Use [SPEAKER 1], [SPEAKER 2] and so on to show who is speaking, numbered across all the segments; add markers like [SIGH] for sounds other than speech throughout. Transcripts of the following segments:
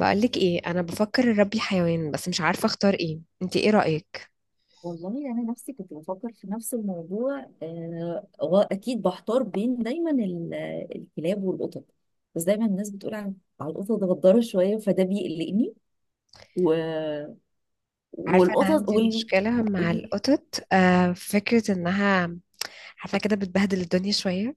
[SPEAKER 1] بقولك ايه، انا بفكر اربي حيوان بس مش عارفه اختار ايه. انت ايه رايك؟
[SPEAKER 2] والله انا نفسي كنت بفكر في نفس الموضوع واكيد بحتار بين دايما الكلاب والقطط. بس دايما الناس بتقول على القطط غدارة شويه، فده بيقلقني و...
[SPEAKER 1] عارفه انا
[SPEAKER 2] والقطط
[SPEAKER 1] عندي مشكله مع
[SPEAKER 2] قولي.
[SPEAKER 1] القطط، فكره انها عارفه كده بتبهدل الدنيا شويه.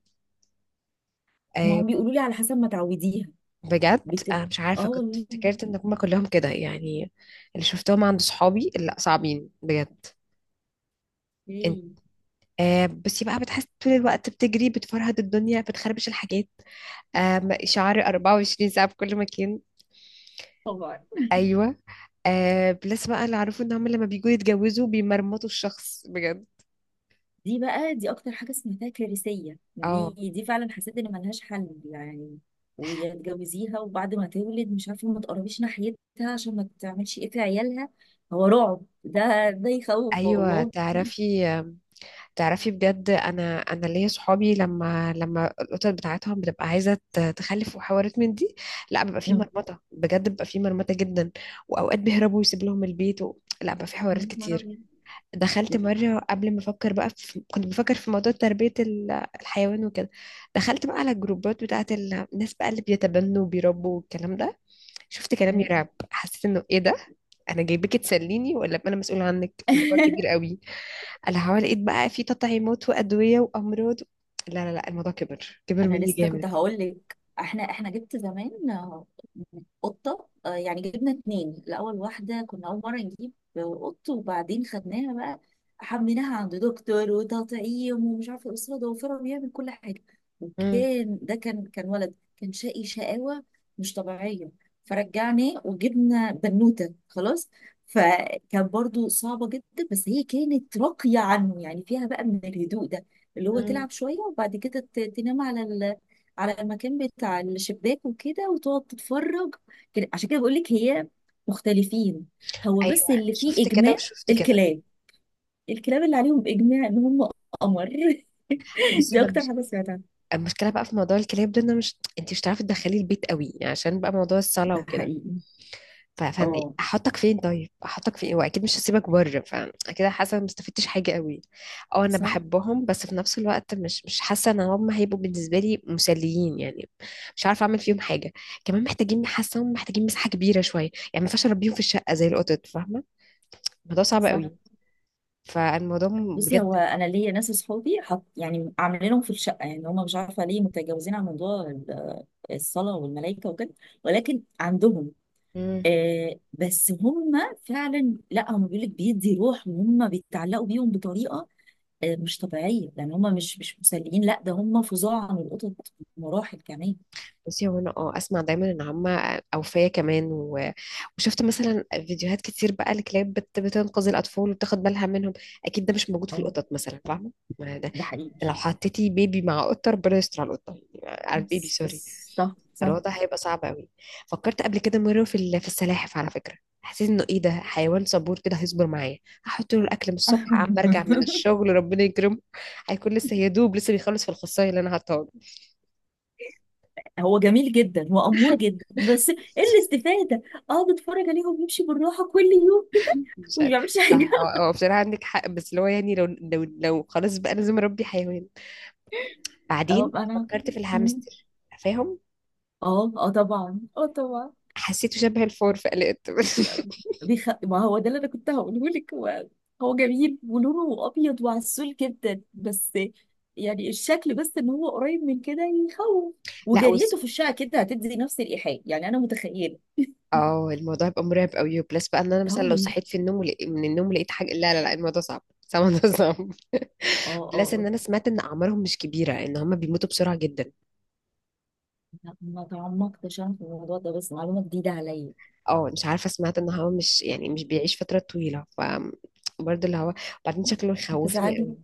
[SPEAKER 2] ما
[SPEAKER 1] آه.
[SPEAKER 2] هم بيقولوا لي على حسب ما تعوديها
[SPEAKER 1] بجد.
[SPEAKER 2] بتبقى.
[SPEAKER 1] آه، مش عارفه
[SPEAKER 2] اه
[SPEAKER 1] كنت
[SPEAKER 2] والله.
[SPEAKER 1] افتكرت ان هما كلهم كده يعني. اللي شفتهم عند صحابي لا صعبين بجد. انت.
[SPEAKER 2] إيه.
[SPEAKER 1] آه، بس بقى بتحس طول الوقت بتجري بتفرهد الدنيا بتخربش الحاجات. آه، شعر 24 ساعه في كل مكان.
[SPEAKER 2] طبعا.
[SPEAKER 1] ايوه. آه، بلس بقى اللي اعرفه ان هم لما بيجوا يتجوزوا بيمرمطوا الشخص بجد.
[SPEAKER 2] دي اكتر حاجه سمعتها، كارثيه،
[SPEAKER 1] اه.
[SPEAKER 2] دي فعلا، حسيت ان ملهاش حل يعني. ويا تجوزيها وبعد ما تولد مش عارفه ما تقربيش ناحيتها عشان ما تعملش ايه في عيالها. هو رعب، ده يخوف
[SPEAKER 1] ايوه،
[SPEAKER 2] والله.
[SPEAKER 1] تعرفي. تعرفي بجد، انا ليا صحابي لما القطط بتاعتهم بتبقى عايزه تخلف وحوارات من دي. لا، بيبقى في
[SPEAKER 2] يا
[SPEAKER 1] مرمطه بجد، بيبقى في مرمطه جدا. واوقات بيهربوا ويسيب لهم البيت لا، بقى في حوارات
[SPEAKER 2] يا نهار
[SPEAKER 1] كتير.
[SPEAKER 2] أبيض.
[SPEAKER 1] دخلت مرة قبل ما أفكر بقى، كنت بفكر في موضوع تربية الحيوان وكده. دخلت بقى على الجروبات بتاعة الناس بقى اللي بيتبنوا وبيربوا والكلام ده. شفت كلام يرعب، حسيت انه ايه ده. انا جايبك تسليني ولا أبقى انا مسؤول عنك؟ الموضوع كبير
[SPEAKER 2] [LAUGHS]
[SPEAKER 1] قوي. انا حوالي لقيت بقى في تطعيمات وادويه وامراض. لا لا لا، الموضوع كبر كبر
[SPEAKER 2] انا
[SPEAKER 1] مني
[SPEAKER 2] لسه كنت
[SPEAKER 1] جامد.
[SPEAKER 2] هقول لك احنا جبت زمان، قطه، يعني جبنا اتنين الاول، واحده كنا اول مره نجيب قط، وبعدين خدناها بقى، حملناها عند دكتور وتطعيم ومش عارفه ايه، اسره ضوافره بيعمل كل حاجه.
[SPEAKER 1] امم.
[SPEAKER 2] وكان ده كان ولد، كان شقي شقاوه مش طبيعيه. فرجعناه وجبنا بنوته خلاص. فكان برضو صعبه جدا، بس هي كانت راقيه عنه، يعني فيها بقى من الهدوء ده اللي هو
[SPEAKER 1] امم.
[SPEAKER 2] تلعب شوية وبعد كده تنام على على المكان بتاع الشباك وكده، وتقعد تتفرج كده. عشان كده بقول لك هي مختلفين. هو بس
[SPEAKER 1] ايوه، أنا
[SPEAKER 2] اللي فيه
[SPEAKER 1] شفت كده
[SPEAKER 2] إجماع
[SPEAKER 1] وشفت كده.
[SPEAKER 2] الكلاب الكلاب اللي عليهم إجماع إن هم قمر. [LAUGHS]
[SPEAKER 1] بصي
[SPEAKER 2] دي
[SPEAKER 1] بقى،
[SPEAKER 2] أكتر حاجة سمعتها.
[SPEAKER 1] المشكله بقى في موضوع الكلاب ده، ان انا مش انت مش هتعرفي تدخلي البيت قوي عشان بقى موضوع الصلاه
[SPEAKER 2] ده
[SPEAKER 1] وكده.
[SPEAKER 2] حقيقي،
[SPEAKER 1] فانا
[SPEAKER 2] اه،
[SPEAKER 1] احطك فين؟ طيب احطك فين؟ واكيد مش هسيبك بره، فكده حاسه ما استفدتش حاجه قوي. اه، انا
[SPEAKER 2] صح
[SPEAKER 1] بحبهم بس في نفس الوقت مش حاسه ان هم هيبقوا بالنسبه لي مسليين يعني. مش عارفه اعمل فيهم حاجه. كمان محتاجين، حاسه هم محتاجين مساحه كبيره شويه، يعني ما ينفعش اربيهم في الشقه زي القطط، فاهمه؟ الموضوع صعب
[SPEAKER 2] صح.
[SPEAKER 1] قوي. فالموضوع.
[SPEAKER 2] بصي،
[SPEAKER 1] بجد.
[SPEAKER 2] هو انا ليا ناس اصحابي حط، يعني عاملينهم في الشقه، يعني هم مش عارفه ليه متجاوزين عن موضوع الصلاه والملائكه وكده، ولكن عندهم. آه، بس هم فعلا، لا هم بيقول لك بيدي روح، وهم بيتعلقوا بيهم بطريقه آه مش طبيعيه. يعني هم مش مسليين، لا، ده هم فظاع عن القطط مراحل كمان.
[SPEAKER 1] بصي هو انا اسمع دايما ان هما اوفياء كمان وشفت مثلا فيديوهات كتير بقى لكلاب بتنقذ الاطفال وبتاخد بالها منهم. اكيد ده مش موجود في
[SPEAKER 2] اه،
[SPEAKER 1] القطط مثلا، فاهمه؟ ما ده.
[SPEAKER 2] ده
[SPEAKER 1] لو
[SPEAKER 2] حقيقي.
[SPEAKER 1] حطيتي بيبي مع قطه، ربنا يستر على القطه، يعني على البيبي،
[SPEAKER 2] بس
[SPEAKER 1] سوري.
[SPEAKER 2] بس، صح صح.
[SPEAKER 1] الوضع هيبقى صعب قوي. فكرت قبل كده مره في السلاحف على فكره. حسيت انه ايه ده، حيوان صبور كده هيصبر معايا، هحط له الاكل من الصبح عم ارجع من
[SPEAKER 2] [LAUGHS]
[SPEAKER 1] الشغل ربنا يكرمه. هيكون لسه يدوب لسه بيخلص في الخصايه اللي انا حاطاها له.
[SPEAKER 2] هو جميل جدا وامور جدا، بس ايه الاستفاده؟ اقعد اتفرج عليهم يمشي بالراحه كل يوم كده
[SPEAKER 1] مش
[SPEAKER 2] وما
[SPEAKER 1] عارف.
[SPEAKER 2] بيعملش
[SPEAKER 1] صح،
[SPEAKER 2] حاجه. [LAUGHS]
[SPEAKER 1] هو بصراحة عندك حق، بس اللي هو يعني لو لو خلاص بقى لازم أربي حيوان.
[SPEAKER 2] اه
[SPEAKER 1] بعدين
[SPEAKER 2] انا.
[SPEAKER 1] فكرت في الهامستر. فاهم.
[SPEAKER 2] اه اه طبعا، اه طبعا.
[SPEAKER 1] حسيته شبه الفور فقلقت
[SPEAKER 2] يعني
[SPEAKER 1] [LAUGHS]
[SPEAKER 2] ما هو ده اللي انا كنت هقوله لك. هو هو جميل ولونه ابيض وعسول جدا، بس يعني الشكل بس ان هو قريب من كده يخوف.
[SPEAKER 1] لا بص.
[SPEAKER 2] وجريته في الشقه كده هتدي نفس الايحاء، يعني انا متخيله
[SPEAKER 1] اه، الموضوع هيبقى مرعب قوي، بلس بقى ان انا مثلا لو
[SPEAKER 2] قوي.
[SPEAKER 1] صحيت في النوم من النوم لقيت حاجه، لا لا لا، الموضوع صعب [LAUGHS] صعب، الموضوع صعب.
[SPEAKER 2] اه
[SPEAKER 1] بلس
[SPEAKER 2] اه
[SPEAKER 1] ان
[SPEAKER 2] آه.
[SPEAKER 1] انا سمعت ان اعمارهم مش كبيره، ان هم بيموتوا بسرعه جدا.
[SPEAKER 2] لا، ما تعمقتش انا في الموضوع ده، بس معلومه جديده عليا.
[SPEAKER 1] اه، مش عارفه سمعت ان هو مش، يعني مش بيعيش فتره طويله، ف. برضه اللي هو. بعدين شكله يخوفني
[SPEAKER 2] هتزعلي.
[SPEAKER 1] قوي.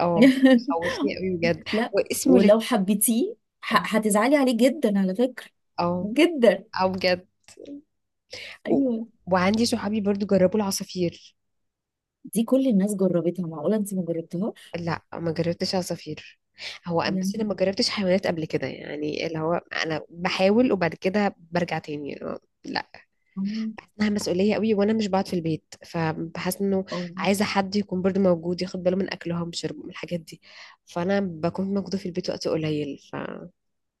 [SPEAKER 1] اه.
[SPEAKER 2] [LAUGHS]
[SPEAKER 1] خوفني قوي بجد.
[SPEAKER 2] لا،
[SPEAKER 1] واسمه.
[SPEAKER 2] ولو حبيتيه،
[SPEAKER 1] او.
[SPEAKER 2] هتزعلي عليه جدا على فكره،
[SPEAKER 1] او.
[SPEAKER 2] جدا.
[SPEAKER 1] او بجد. و-
[SPEAKER 2] ايوه.
[SPEAKER 1] وعندي صحابي برضو جربوا العصافير.
[SPEAKER 2] دي كل الناس جربتها، معقوله انت ما جربتهاش؟
[SPEAKER 1] لا، ما جربتش عصافير. هو بس انا
[SPEAKER 2] يعني
[SPEAKER 1] ما جربتش حيوانات قبل كده يعني، اللي هو انا بحاول وبعد كده برجع تاني لا.
[SPEAKER 2] اه،
[SPEAKER 1] انها مسؤوليه قوي وانا مش بقعد في البيت، فبحس انه
[SPEAKER 2] آه،
[SPEAKER 1] عايزه حد يكون برضو موجود، ياخد باله من اكلهم شربهم الحاجات دي. فانا بكون موجوده في البيت وقت قليل، ف.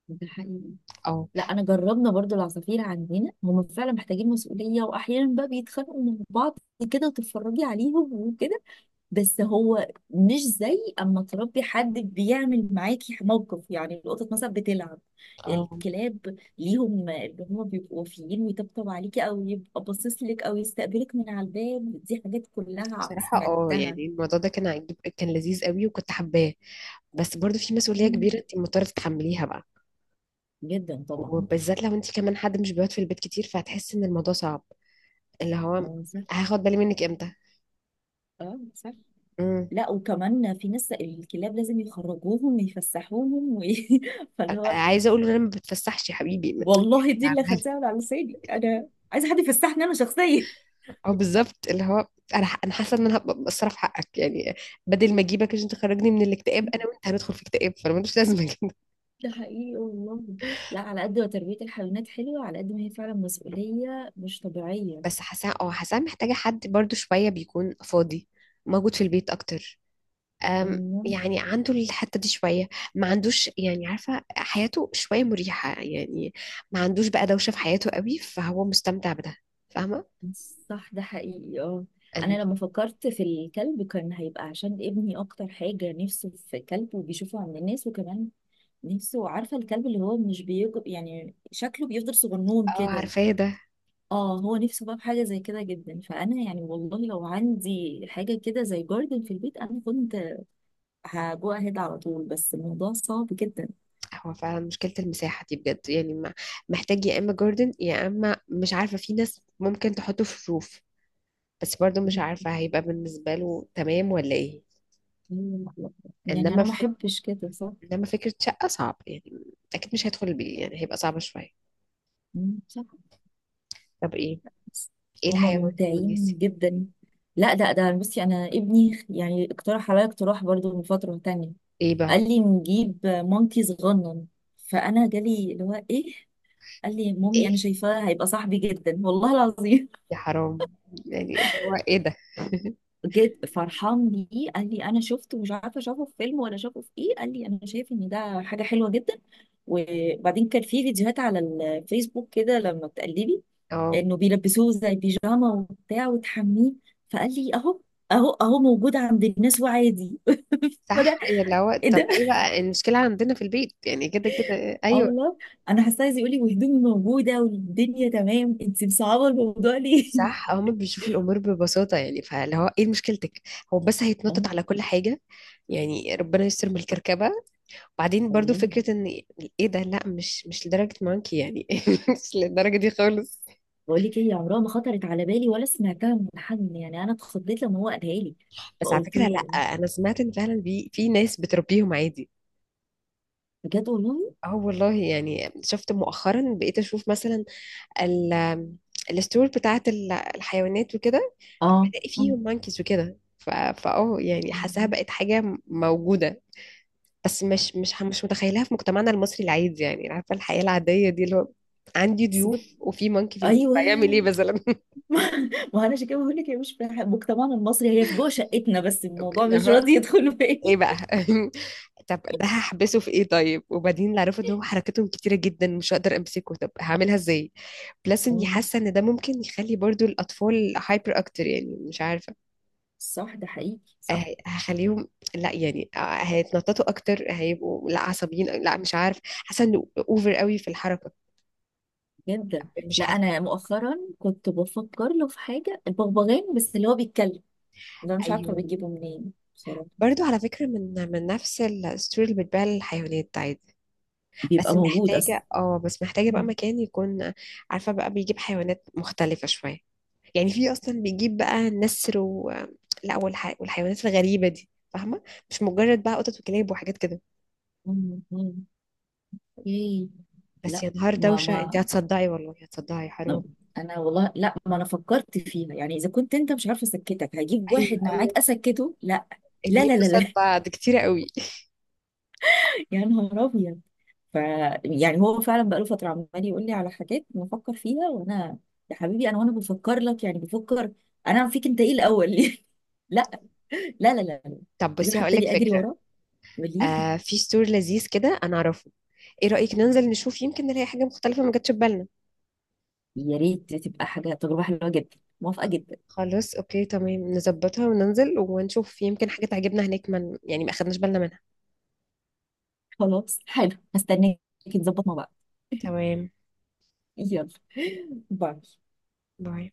[SPEAKER 2] ده حقيقي.
[SPEAKER 1] او.
[SPEAKER 2] لا انا جربنا برضو العصافير عندنا، هم فعلا محتاجين مسؤوليه، واحيانا بقى بيتخانقوا مع بعض كده، وتتفرجي عليهم وكده. بس هو مش زي اما تربي حد بيعمل معاكي موقف، يعني القطط مثلا بتلعب،
[SPEAKER 1] اه.
[SPEAKER 2] الكلاب ليهم اللي هم بيبقوا وفيين، ويطبطب عليكي او يبقى باصص لك او يستقبلك من على الباب، دي حاجات كلها
[SPEAKER 1] بصراحة يعني
[SPEAKER 2] سمعتها.
[SPEAKER 1] الموضوع ده كان عجيب، كان لذيذ قوي وكنت حباه. بس برضو في مسؤولية
[SPEAKER 2] مم.
[SPEAKER 1] كبيرة انت مضطرة تتحمليها بقى.
[SPEAKER 2] جدا طبعا.
[SPEAKER 1] وبالذات لو انت كمان حد مش بيقعد في البيت كتير، فهتحسي ان الموضوع صعب. اللي هو،
[SPEAKER 2] اه صح.
[SPEAKER 1] هاخد بالي منك امتى؟
[SPEAKER 2] اه صح.
[SPEAKER 1] امم.
[SPEAKER 2] لا، وكمان في ناس الكلاب لازم يخرجوهم ويفسحوهم [LAUGHS] فاللي هو
[SPEAKER 1] عايزة اقول له، انا ما بتفسحش يا حبيبي.
[SPEAKER 2] والله، دي اللي
[SPEAKER 1] يعني.
[SPEAKER 2] خدتها من على لساني، انا عايزه حد يفسحني انا شخصيا.
[SPEAKER 1] اه بالظبط، اللي هو انا حاسة ان انا هبقى مقصرة في حقك يعني. بدل ما اجيبك عشان تخرجني من الاكتئاب، انا وانت هندخل في اكتئاب، فانا ملوش لازمة كده.
[SPEAKER 2] ده حقيقي والله. لا، على قد ما تربية الحيوانات حلوة، على قد ما هي فعلا مسؤولية مش طبيعية.
[SPEAKER 1] بس حاسة، حاسة محتاجة حد برضو شوية بيكون فاضي، موجود في البيت اكتر.
[SPEAKER 2] مم.
[SPEAKER 1] يعني عنده الحتة دي شوية، ما عندوش، يعني عارفة حياته شوية مريحة يعني، ما عندوش بقى دوشة في حياته قوي، فهو مستمتع بده، فاهمة؟
[SPEAKER 2] صح، ده حقيقي اه.
[SPEAKER 1] أنا.
[SPEAKER 2] أنا لما فكرت في الكلب كان هيبقى عشان ابني، أكتر حاجة نفسه في كلب، وبيشوفه عند الناس، وكمان نفسه، عارفة الكلب اللي هو مش بيكبر، يعني شكله بيفضل صغنون
[SPEAKER 1] اه.
[SPEAKER 2] كده.
[SPEAKER 1] عارفاه ده.
[SPEAKER 2] اه، هو نفسه بقى في حاجه زي كده جدا. فانا يعني والله لو عندي حاجه كده زي جاردن في البيت، انا كنت هجو اهيد على طول، بس الموضوع صعب جدا.
[SPEAKER 1] هو فعلا مشكلة المساحة دي بجد، يعني محتاج يا إما جاردن يا إما مش عارفة، في ناس ممكن تحطه في روف. بس برضه مش عارفة هيبقى بالنسبة له تمام ولا إيه.
[SPEAKER 2] مم. يعني
[SPEAKER 1] إنما
[SPEAKER 2] انا ما
[SPEAKER 1] ف...
[SPEAKER 2] احبش كده، صح.
[SPEAKER 1] إنما فكرة شقة صعب يعني. أكيد مش هيدخل البيت يعني، هيبقى صعبة شوية.
[SPEAKER 2] مم، صح.
[SPEAKER 1] طب إيه؟
[SPEAKER 2] بس
[SPEAKER 1] إيه
[SPEAKER 2] هما
[SPEAKER 1] الحيوان المناسب؟
[SPEAKER 2] ممتعين جدا. لا، ده بصي انا ابني يعني اقترح عليا اقتراح برضو من فتره تانية.
[SPEAKER 1] إيه بقى؟
[SPEAKER 2] قال لي نجيب مونكي صغنن. فانا جالي اللي هو ايه؟ قال لي مامي انا
[SPEAKER 1] ايه.
[SPEAKER 2] شايفاه هيبقى صاحبي جدا والله العظيم.
[SPEAKER 1] يا حرام. يعني اللي هو، ايه ده.
[SPEAKER 2] جد فرحان بيه، قال لي انا شفته، مش عارفه اشوفه في فيلم ولا اشوفه في ايه، قال لي انا شايف ان ده حاجه حلوه جدا. وبعدين كان في فيديوهات على الفيسبوك كده لما بتقلبي،
[SPEAKER 1] اه
[SPEAKER 2] انه بيلبسوه زي بيجاما وبتاع وتحميه. فقال لي اهو، اهو موجود عند الناس وعادي. [LAUGHS] فانا
[SPEAKER 1] صح. يا اللي هو،
[SPEAKER 2] ايه
[SPEAKER 1] طب
[SPEAKER 2] ده؟
[SPEAKER 1] ايه بقى المشكلة عندنا في البيت يعني، كده كده
[SPEAKER 2] اه
[SPEAKER 1] ايوه.
[SPEAKER 2] والله. انا حاسه عايز يقول لي، وهدومي موجوده والدنيا تمام، انت مصعبه الموضوع ليه؟ [LAUGHS]
[SPEAKER 1] صح، هما بيشوفوا الامور ببساطة، يعني فاللي هو ايه مشكلتك. هو بس
[SPEAKER 2] اه
[SPEAKER 1] هيتنطط على كل حاجة، يعني ربنا يستر من الكركبة. وبعدين برضو
[SPEAKER 2] والله.
[SPEAKER 1] فكرة ان ايه ده، لا مش لدرجة مانكي يعني [LAUGHS] مش للدرجة دي خالص.
[SPEAKER 2] بقول لك ايه، عمرها ما خطرت على بالي ولا سمعتها من حد، يعني انا اتخضيت لما هو قالها لي،
[SPEAKER 1] بس على
[SPEAKER 2] فقلت
[SPEAKER 1] فكرة، لا،
[SPEAKER 2] له
[SPEAKER 1] انا سمعت ان فعلا في ناس بتربيهم عادي.
[SPEAKER 2] بجد والله؟
[SPEAKER 1] اه والله، يعني شفت مؤخرا بقيت اشوف مثلا، ال، الستور بتاعت الحيوانات وكده.
[SPEAKER 2] اه.
[SPEAKER 1] بلاقي
[SPEAKER 2] مم.
[SPEAKER 1] فيهم مانكيز وكده، فاه يعني، حاساها
[SPEAKER 2] مم.
[SPEAKER 1] بقت حاجة موجودة. بس مش متخيلها في مجتمعنا المصري العادي، يعني عارفة الحياة العادية دي، اللي هو عندي
[SPEAKER 2] سيبك.
[SPEAKER 1] ضيوف وفي مانكي في البيت
[SPEAKER 2] ايوه،
[SPEAKER 1] هيعمل ايه مثلا [LAUGHS]
[SPEAKER 2] ما انا عشان كده بقول لك، هي مش في مجتمعنا المصري، هي في جوه شقتنا، بس الموضوع
[SPEAKER 1] اللي
[SPEAKER 2] مش
[SPEAKER 1] هو
[SPEAKER 2] راضي يدخل
[SPEAKER 1] ايه
[SPEAKER 2] بالي.
[SPEAKER 1] بقى [LAUGHS] طب ده هحبسه في ايه طيب؟ وبعدين اللي عرفوا ان هو حركتهم كتيرة جدا مش هقدر امسكه، طب هعملها ازاي؟ بلس اني
[SPEAKER 2] مم.
[SPEAKER 1] حاسة ان ده ممكن يخلي برضو الاطفال هايبر اكتر يعني، مش عارفة.
[SPEAKER 2] صح، ده حقيقي، صح.
[SPEAKER 1] هخليهم، لا يعني، هيتنططوا اكتر، هيبقوا لا عصبيين، لا مش عارف، حاسه انه اوفر قوي في الحركه.
[SPEAKER 2] جدا.
[SPEAKER 1] مش
[SPEAKER 2] لا
[SPEAKER 1] حاسه.
[SPEAKER 2] انا مؤخرا كنت بفكر له في حاجه، البغبغان، بس اللي هو بيتكلم ده مش عارفه
[SPEAKER 1] ايوه
[SPEAKER 2] بتجيبه منين بصراحه،
[SPEAKER 1] برضو
[SPEAKER 2] بفكر.
[SPEAKER 1] على فكره، من نفس الستوري اللي بتبيع للحيوانات عادي.
[SPEAKER 2] بيبقى
[SPEAKER 1] بس
[SPEAKER 2] موجود اصلا.
[SPEAKER 1] محتاجه اه بس محتاجه بقى مكان يكون. عارفه بقى بيجيب حيوانات مختلفه شويه، يعني في اصلا بيجيب بقى نسر و. لا والحيوانات الغريبه دي، فاهمه، مش مجرد بقى قطط وكلاب وحاجات كده.
[SPEAKER 2] مم. مم. ايه.
[SPEAKER 1] بس
[SPEAKER 2] لا
[SPEAKER 1] يا نهار
[SPEAKER 2] ما
[SPEAKER 1] دوشه، انت
[SPEAKER 2] ما
[SPEAKER 1] هتصدعي والله، هتصدعي حرام.
[SPEAKER 2] انا والله، لا ما انا فكرت فيها، يعني اذا كنت انت مش عارفه اسكتك هجيب
[SPEAKER 1] ايوه،
[SPEAKER 2] واحد
[SPEAKER 1] ايوه.
[SPEAKER 2] معاك اسكته؟ لا. لا
[SPEAKER 1] اتنين
[SPEAKER 2] لا لا
[SPEAKER 1] قصاد
[SPEAKER 2] لا
[SPEAKER 1] بعض كتير قوي.
[SPEAKER 2] [LAUGHS] يا نهار ابيض. ف يعني هو فعلا بقاله فتره عمال يقول لي على حاجات بفكر فيها، وانا يا حبيبي، انا وانا بفكر لك، يعني بفكر انا فيك انت، ايه الاول؟ [LAUGHS] ليه؟ لا. لا لا لا لا.
[SPEAKER 1] طب
[SPEAKER 2] اجيب
[SPEAKER 1] بصي
[SPEAKER 2] حد
[SPEAKER 1] هقول لك
[SPEAKER 2] تاني اجري
[SPEAKER 1] فكرة.
[SPEAKER 2] وراه؟ قولي لي.
[SPEAKER 1] آه، في ستور لذيذ كده انا اعرفه، ايه رأيك ننزل نشوف، يمكن نلاقي حاجة مختلفة ما جاتش في بالنا.
[SPEAKER 2] يا ريت، تبقى حاجه تجربه حلوه جدا، موافقه جدا.
[SPEAKER 1] خلاص، اوكي تمام، نظبطها وننزل ونشوف، يمكن حاجة تعجبنا هناك من، يعني ما اخدناش بالنا منها.
[SPEAKER 2] خلاص، حلو، هستناك. نظبط مع بعض.
[SPEAKER 1] تمام.
[SPEAKER 2] يلا، باي.
[SPEAKER 1] باي.